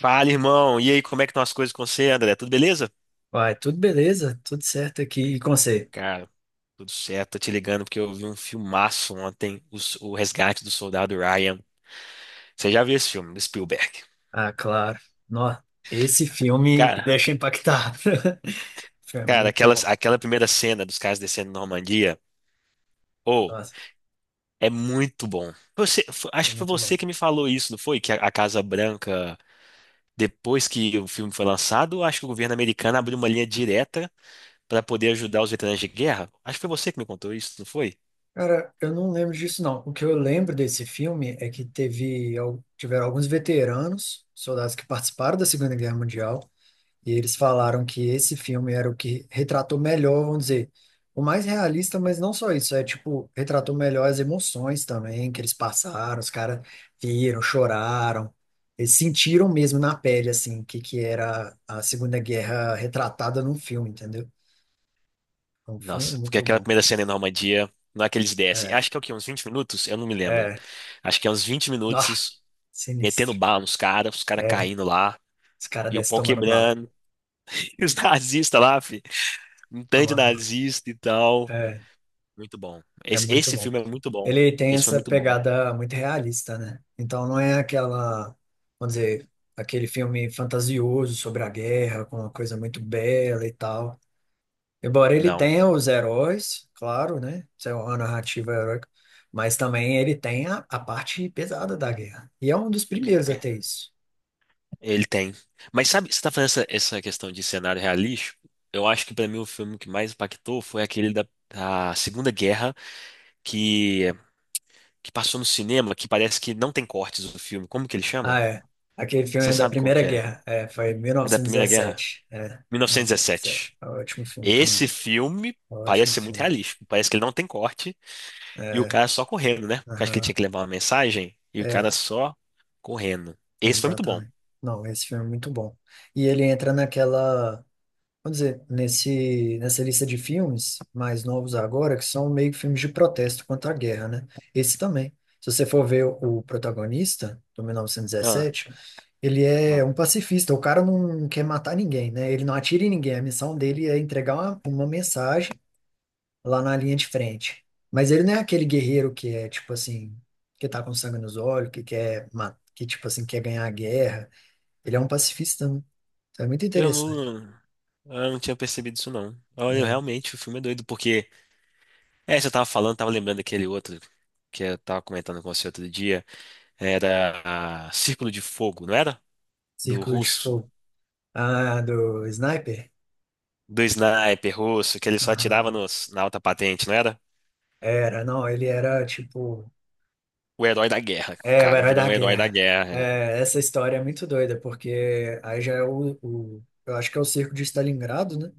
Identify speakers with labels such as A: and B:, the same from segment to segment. A: Fala, irmão. E aí, como é que estão as coisas com você, André? Tudo beleza?
B: Vai, tudo beleza, tudo certo aqui e com você?
A: Cara, tudo certo. Tô te ligando porque eu vi um filmaço ontem, o Resgate do Soldado Ryan. Você já viu esse filme, do Spielberg?
B: Ah, claro. Nossa, esse filme me
A: Cara,
B: deixa impactado. Foi
A: cara,
B: muito
A: aquela,
B: bom.
A: aquela primeira cena dos caras descendo na Normandia, oh,
B: Nossa,
A: é muito bom. Você,
B: é
A: acho que foi
B: muito
A: você
B: bom.
A: que me falou isso, não foi? Que a Casa Branca, depois que o filme foi lançado, acho que o governo americano abriu uma linha direta para poder ajudar os veteranos de guerra. Acho que foi você que me contou isso, não foi?
B: Cara, eu não lembro disso, não. O que eu lembro desse filme é que tiveram alguns veteranos, soldados que participaram da Segunda Guerra Mundial. E eles falaram que esse filme era o que retratou melhor, vamos dizer, o mais realista, mas não só isso, é tipo, retratou melhor as emoções também que eles passaram, os caras viram, choraram, eles sentiram mesmo na pele, assim, que era a Segunda Guerra retratada num filme, entendeu? É um filme
A: Nossa, porque
B: muito
A: aquela
B: bom.
A: primeira cena em Normandia, não é que eles descem.
B: É,
A: Acho que é o quê? Uns 20 minutos? Eu não me lembro.
B: é,
A: Acho que é uns 20
B: ah,
A: minutos
B: sinistro.
A: metendo bala nos caras, os caras
B: É,
A: caindo lá,
B: os caras
A: e o
B: descem
A: pau
B: tomando bala,
A: quebrando, e os nazistas lá, um tanto de
B: tomando bala.
A: nazista e tal.
B: É,
A: Muito bom.
B: é
A: Esse,
B: muito
A: esse
B: bom.
A: filme é muito bom.
B: Ele tem
A: Esse foi
B: essa
A: muito bom.
B: pegada muito realista, né? Então não é aquela, vamos dizer, aquele filme fantasioso sobre a guerra, com uma coisa muito bela e tal. Embora ele
A: Não,
B: tenha os heróis, claro, né? Isso é uma narrativa heróica, mas também ele tem a parte pesada da guerra. E é um dos primeiros a ter isso.
A: ele tem. Mas sabe, você tá falando essa questão de cenário realístico? Eu acho que pra mim o filme que mais impactou foi aquele da, da Segunda Guerra que, que passou no cinema, que parece que não tem cortes do filme. Como que ele
B: Ah,
A: chama?
B: é. Aquele filme
A: Você
B: é da
A: sabe qual
B: Primeira
A: que é?
B: Guerra. É, foi
A: É da Primeira Guerra?
B: 1917. É, 1917.
A: 1917.
B: É um ótimo filme também.
A: Esse filme
B: É um
A: parece
B: ótimo
A: ser muito
B: filme.
A: realístico. Parece que ele não tem corte e o
B: É,
A: cara só correndo, né? Porque acho que ele tinha
B: aham.
A: que levar uma mensagem e o
B: É,
A: cara só correndo. Esse foi muito bom.
B: exatamente. Não, esse filme é muito bom. E ele entra naquela, vamos dizer, nessa lista de filmes mais novos agora, que são meio que filmes de protesto contra a guerra, né? Esse também. Se você for ver o protagonista, do
A: Ah,
B: 1917, ele é
A: ah.
B: um pacifista. O cara não quer matar ninguém, né? Ele não atira em ninguém. A missão dele é entregar uma mensagem lá na linha de frente. Mas ele não é aquele guerreiro que é, tipo assim, que tá com sangue nos olhos, que, tipo assim, quer ganhar a guerra. Ele é um pacifista, né? Então é muito
A: Eu
B: interessante.
A: não. Eu não tinha percebido isso, não. Olha,
B: É.
A: realmente, o filme é doido, porque. É, você tava falando, tava lembrando daquele outro que eu tava comentando com você outro dia. Era a Círculo de Fogo, não era? Do
B: Círculo de
A: russo.
B: Fogo. Ah, do Sniper?
A: Do sniper russo, que ele só atirava
B: Aham.
A: nos, na alta patente, não era?
B: Era, não, ele era tipo.
A: O herói da guerra. O
B: É, o
A: cara
B: herói
A: virou
B: da
A: um herói da
B: guerra.
A: guerra.
B: É, essa história é muito doida, porque aí já é o. Eu acho que é o cerco de Stalingrado, né?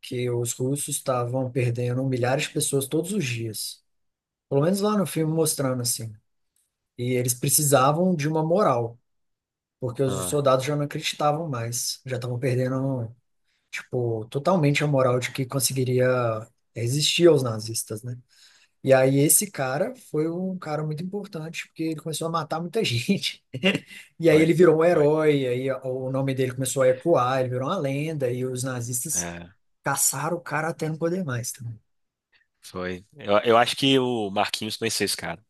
B: Que os russos estavam perdendo milhares de pessoas todos os dias. Pelo menos lá no filme mostrando assim. E eles precisavam de uma moral, porque os
A: Ah,
B: soldados já não acreditavam mais, já estavam perdendo. Tipo, totalmente a moral de que conseguiria resistir aos nazistas, né? E aí esse cara foi um cara muito importante, porque ele começou a matar muita gente. E aí ele
A: foi,
B: virou um
A: foi.
B: herói, aí o nome dele começou a ecoar, ele virou uma lenda, e os nazistas
A: É,
B: caçaram o cara até não poder mais também.
A: foi. Eu acho que o Marquinhos conheceu esse cara.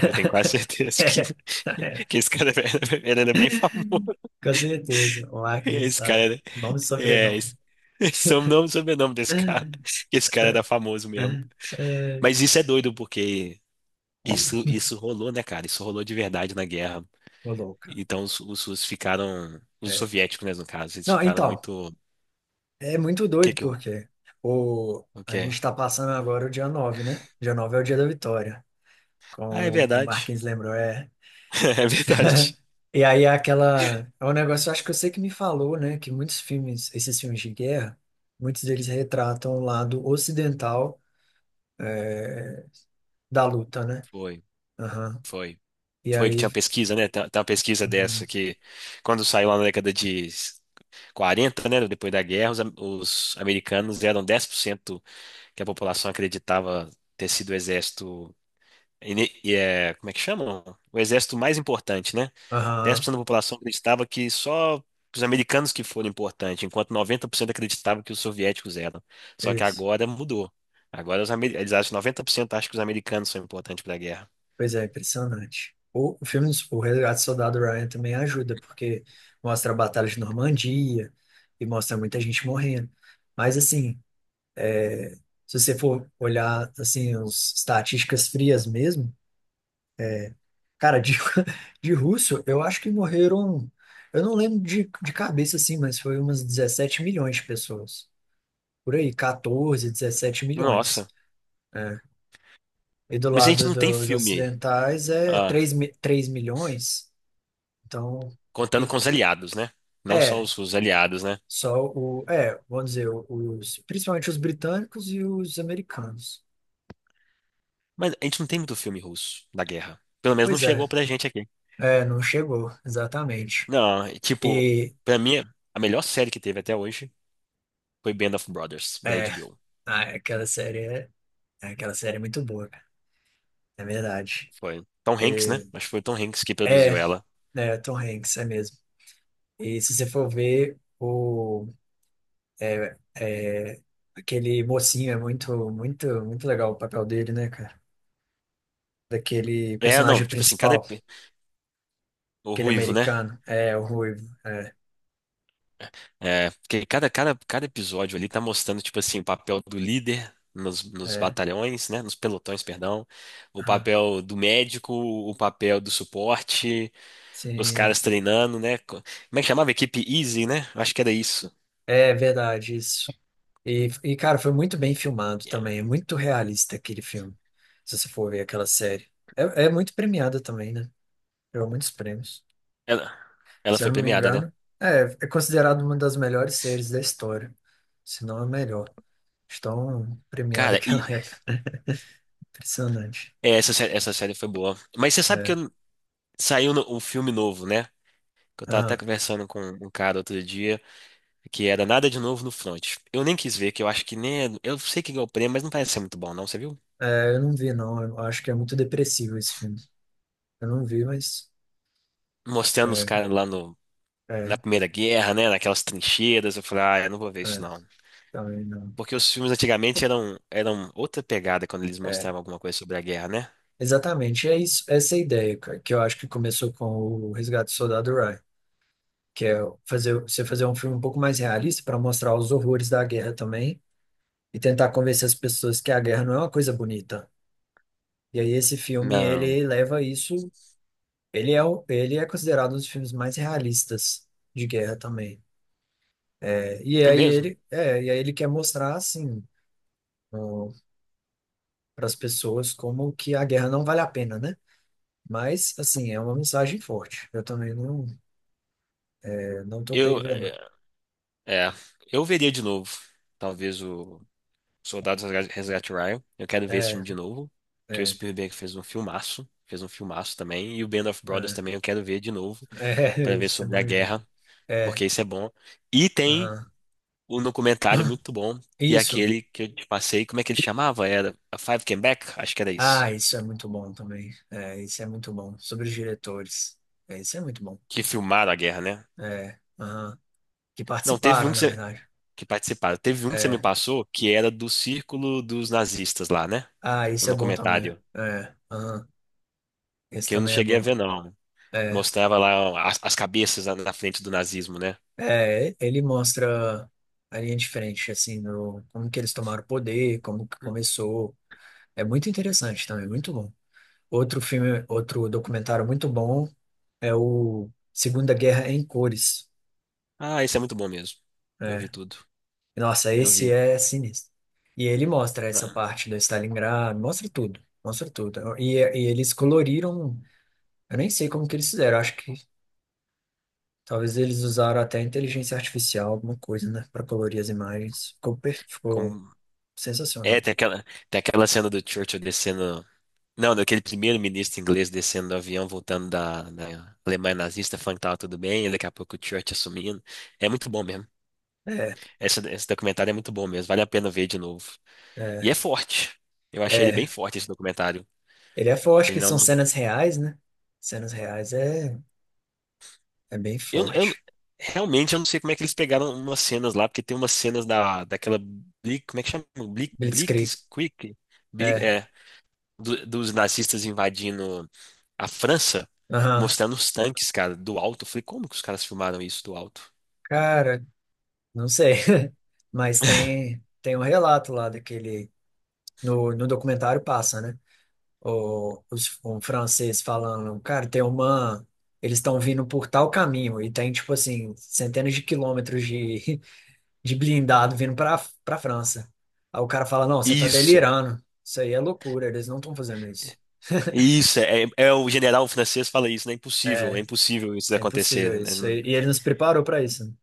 A: Eu tenho quase certeza que, que esse cara era, ele era bem famoso.
B: Com certeza, o Arkin
A: Esse cara
B: sabe.
A: era,
B: Nome e
A: é,
B: sobrenome.
A: esse é o nome, sobrenome desse cara. Esse cara era famoso mesmo.
B: É,
A: Mas isso é doido, porque isso rolou, né, cara? Isso rolou de verdade na guerra.
B: ô louca.
A: Então os russos ficaram, os
B: É.
A: soviéticos, né, no caso, eles
B: Não,
A: ficaram
B: então,
A: muito.
B: é muito
A: O que
B: doido,
A: que. eu-
B: porque
A: O
B: a
A: que?
B: gente está passando agora o dia 9, né? Dia 9 é o dia da vitória,
A: Ah, é
B: como o
A: verdade.
B: Marquinhos lembrou, é.
A: É verdade.
B: E aí é aquela. É um negócio, acho que você que me falou, né? Que muitos filmes, esses filmes de guerra, muitos deles retratam o lado ocidental, é, da luta, né?
A: Foi,
B: Aham.
A: foi.
B: E
A: Foi que
B: aí.
A: tinha uma pesquisa, né? Tem uma pesquisa
B: Uhum,
A: dessa que, quando saiu lá na década de 40, né? Depois da guerra, os, os americanos eram 10% que a população acreditava ter sido o exército. E é, como é que chamam? O exército mais importante, né? dez por
B: aham,
A: cento da população acreditava que só os americanos que foram importantes, enquanto 90% acreditavam que os soviéticos eram. Só que
B: isso.
A: agora mudou. Agora os, eles acham que 90% acham que os americanos são importantes para a guerra.
B: Pois é, impressionante. O filme, o Resgate do Soldado Ryan também ajuda, porque mostra a Batalha de Normandia e mostra muita gente morrendo. Mas, assim, é, se você for olhar, assim, as estatísticas frias mesmo, cara, de, de russo, eu acho que morreram, eu não lembro de cabeça, assim, mas foi umas 17 milhões de pessoas. Por aí, 14 17 milhões,
A: Nossa.
B: né? E do
A: Mas a gente
B: lado
A: não tem
B: dos
A: filme.
B: ocidentais é
A: Ah,
B: 3, 3 milhões. Então,
A: contando com
B: e-
A: os aliados, né? Não só
B: é,
A: os aliados, né?
B: vamos dizer, principalmente os britânicos e os americanos.
A: Mas a gente não tem muito filme russo da guerra. Pelo menos não
B: Pois é,
A: chegou pra gente aqui.
B: não chegou, exatamente.
A: Não, e, tipo,
B: E,
A: pra mim, a melhor série que teve até hoje foi Band of Brothers, da
B: é,
A: HBO.
B: ah, é, aquela série é muito boa, cara, é verdade.
A: Foi Tom Hanks, né?
B: E-
A: Acho que foi Tom Hanks que produziu
B: é,
A: ela.
B: é, Tom Hanks, é mesmo. E se você for ver, é, é, aquele mocinho é muito, muito, muito legal o papel dele, né, cara? Daquele
A: É, não,
B: personagem
A: tipo assim,
B: principal.
A: o
B: Aquele
A: Ruivo, né?
B: americano. É, o Ruivo. É,
A: É, porque cada episódio ali tá mostrando, tipo assim, o papel do líder nos
B: é.
A: batalhões, né? Nos pelotões, perdão. O
B: Aham.
A: papel do médico, o papel do suporte. Os
B: Sim.
A: caras treinando, né? Como é que chamava? Equipe Easy, né? Eu acho que era isso.
B: É verdade, isso. E, cara, foi muito bem filmado
A: Yeah.
B: também. É muito realista aquele filme. Se você for ver aquela série. É, é muito premiada também, né? Ganhou muitos prêmios.
A: Ela, ela
B: Se eu
A: foi
B: não me
A: premiada, né?
B: engano, é considerado uma das melhores séries da história. Se não a melhor. Estão premiada
A: Cara,
B: que ela
A: e
B: é. Impressionante.
A: é, essa série foi boa. Mas você sabe que
B: É.
A: saiu um filme novo, né? Que eu tava até
B: Aham.
A: conversando com um cara outro dia, que era Nada de Novo no Front. Eu nem quis ver, que eu acho que nem. É- eu sei que ganhou o prêmio, mas não parece ser muito bom, não, você viu?
B: É, eu não vi, não. Eu acho que é muito depressivo esse filme. Eu não vi, mas.
A: Mostrando os
B: é,
A: caras lá no, na
B: É,
A: Primeira Guerra, né? Naquelas trincheiras. Eu falei, ah, eu não vou ver isso,
B: é,
A: não.
B: também não.
A: Porque os filmes antigamente eram outra pegada quando eles
B: É,
A: mostravam alguma coisa sobre a guerra, né?
B: exatamente. É isso, essa é a ideia, cara, que eu acho que começou com o Resgate do Soldado Ryan, que é fazer, você fazer um filme um pouco mais realista para mostrar os horrores da guerra também e tentar convencer as pessoas que a guerra não é uma coisa bonita. E aí esse filme,
A: Não.
B: ele leva isso, ele é considerado um dos filmes mais realistas de guerra também. É, e
A: É
B: aí
A: mesmo?
B: ele, é, e aí ele quer mostrar assim, para as pessoas como que a guerra não vale a pena, né? Mas, assim, é uma mensagem forte. Eu também não, não topei
A: Eu,
B: ver, não.
A: é, é, eu veria de novo, talvez o Soldados Resgate Ryan. Eu quero ver esse
B: É,
A: filme de novo, que o
B: é,
A: Spielberg fez um filmaço também, e o Band of Brothers
B: é,
A: também eu quero ver de novo,
B: é,
A: para ver
B: isso é
A: sobre
B: bom
A: a
B: de ver.
A: guerra,
B: É,
A: porque isso é bom. E tem
B: aham.
A: um documentário muito bom, e
B: Isso.
A: aquele que eu te passei, como é que ele chamava? Era A Five Came Back? Acho que era
B: Ah,
A: isso.
B: isso é muito bom também. É, isso é muito bom. Sobre os diretores. É, isso é muito bom.
A: Que filmaram a guerra, né?
B: É, aham. Que
A: Não, teve um
B: participaram, na
A: que
B: verdade.
A: que participaram. Teve um que você me
B: É.
A: passou que era do círculo dos nazistas lá, né?
B: Ah, isso é
A: No
B: bom também.
A: comentário.
B: É, aham. Esse
A: Que eu não
B: também é
A: cheguei a
B: bom.
A: ver, não.
B: É,
A: Mostrava lá as, as cabeças na, na frente do nazismo, né?
B: é, ele mostra a linha de frente, assim, no, como que eles tomaram o poder, como que começou. É muito interessante também, muito bom. Outro filme, outro documentário muito bom é o Segunda Guerra em Cores.
A: Ah, isso é muito bom mesmo. Eu
B: É.
A: vi tudo.
B: Nossa,
A: Eu
B: esse
A: vi.
B: é sinistro. E ele mostra essa
A: Ah,
B: parte do Stalingrado, mostra tudo, mostra tudo. E eles coloriram, eu nem sei como que eles fizeram, acho que talvez eles usaram até inteligência artificial, alguma coisa, né, para colorir as imagens. Ficou
A: como... É,
B: sensacional.
A: tem aquela cena do Churchill descendo. Não, daquele primeiro-ministro inglês descendo do avião, voltando da, da Alemanha nazista, falando que tava tudo bem, e daqui a pouco o Churchill assumindo. É muito bom mesmo.
B: É,
A: Esse documentário é muito bom mesmo, vale a pena ver de novo. E
B: é,
A: é forte. Eu achei ele bem
B: é.
A: forte esse documentário.
B: Ele é forte,
A: Ele
B: que
A: não.
B: são
A: não-
B: cenas reais, né? Cenas reais é bem
A: Eu
B: forte.
A: realmente eu não sei como é que eles pegaram umas cenas lá, porque tem umas cenas da, daquela. Como é que chama?
B: Blitzkrieg.
A: Blitzkrieg? Bli-
B: É.
A: é, do- dos nazistas invadindo a França,
B: Aham.
A: mostrando os tanques, cara, do alto. Eu falei, como que os caras filmaram isso do alto?
B: Cara, não sei. Mas tem um relato lá daquele. No documentário passa, né? Um francês falando, cara, tem uma. Eles estão vindo por tal caminho e tem, tipo assim, centenas de quilômetros de, de blindado vindo para França. Aí o cara fala: não, você tá
A: Isso.
B: delirando. Isso aí é loucura, eles não estão fazendo isso.
A: Isso, o general francês fala isso, né? É
B: É,
A: impossível isso
B: é
A: acontecer,
B: impossível
A: né?
B: isso. E ele nos preparou para isso, né?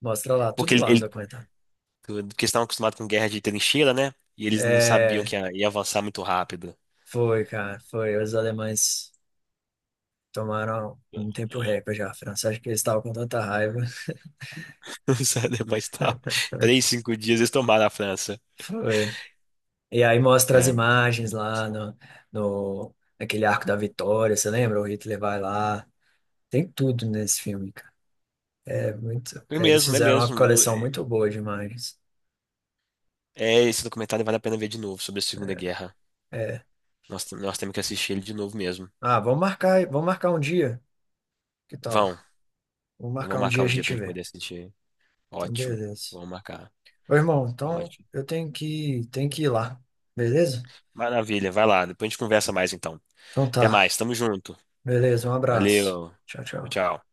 B: Mostra lá,
A: Porque
B: tudo lá no
A: ele,
B: documentário.
A: tudo, porque eles estavam acostumados com guerra de trincheira, né? E eles não sabiam
B: É,
A: que ia avançar muito rápido.
B: foi, cara, foi. Os alemães tomaram um tempo recorde já. A França, acho que eles estavam com tanta raiva.
A: Sério, mas tal. Três, cinco dias eles tomaram a França.
B: Foi. E aí mostra as
A: É,
B: imagens lá no, no, naquele Arco da Vitória, você lembra? O Hitler vai lá. Tem tudo nesse filme, cara. É muito.
A: é
B: Eles
A: mesmo, é
B: fizeram uma
A: mesmo.
B: coleção muito boa de imagens.
A: Esse documentário vale a pena ver de novo sobre a Segunda Guerra.
B: É.
A: Nós temos que assistir ele de novo mesmo.
B: Ah, vamos marcar um dia. Que tal?
A: Vão,
B: Vamos
A: eu vou
B: marcar um
A: marcar
B: dia e a
A: um dia pra
B: gente
A: gente
B: vê.
A: poder assistir.
B: Então,
A: Ótimo,
B: beleza.
A: vamos marcar.
B: Ô, irmão, então
A: Ótimo.
B: eu tenho que ir lá. Beleza?
A: Maravilha, vai lá, depois a gente conversa mais então.
B: Então
A: Até
B: tá.
A: mais, tamo junto.
B: Beleza, um abraço.
A: Valeu,
B: Tchau, tchau.
A: tchau. Tchau.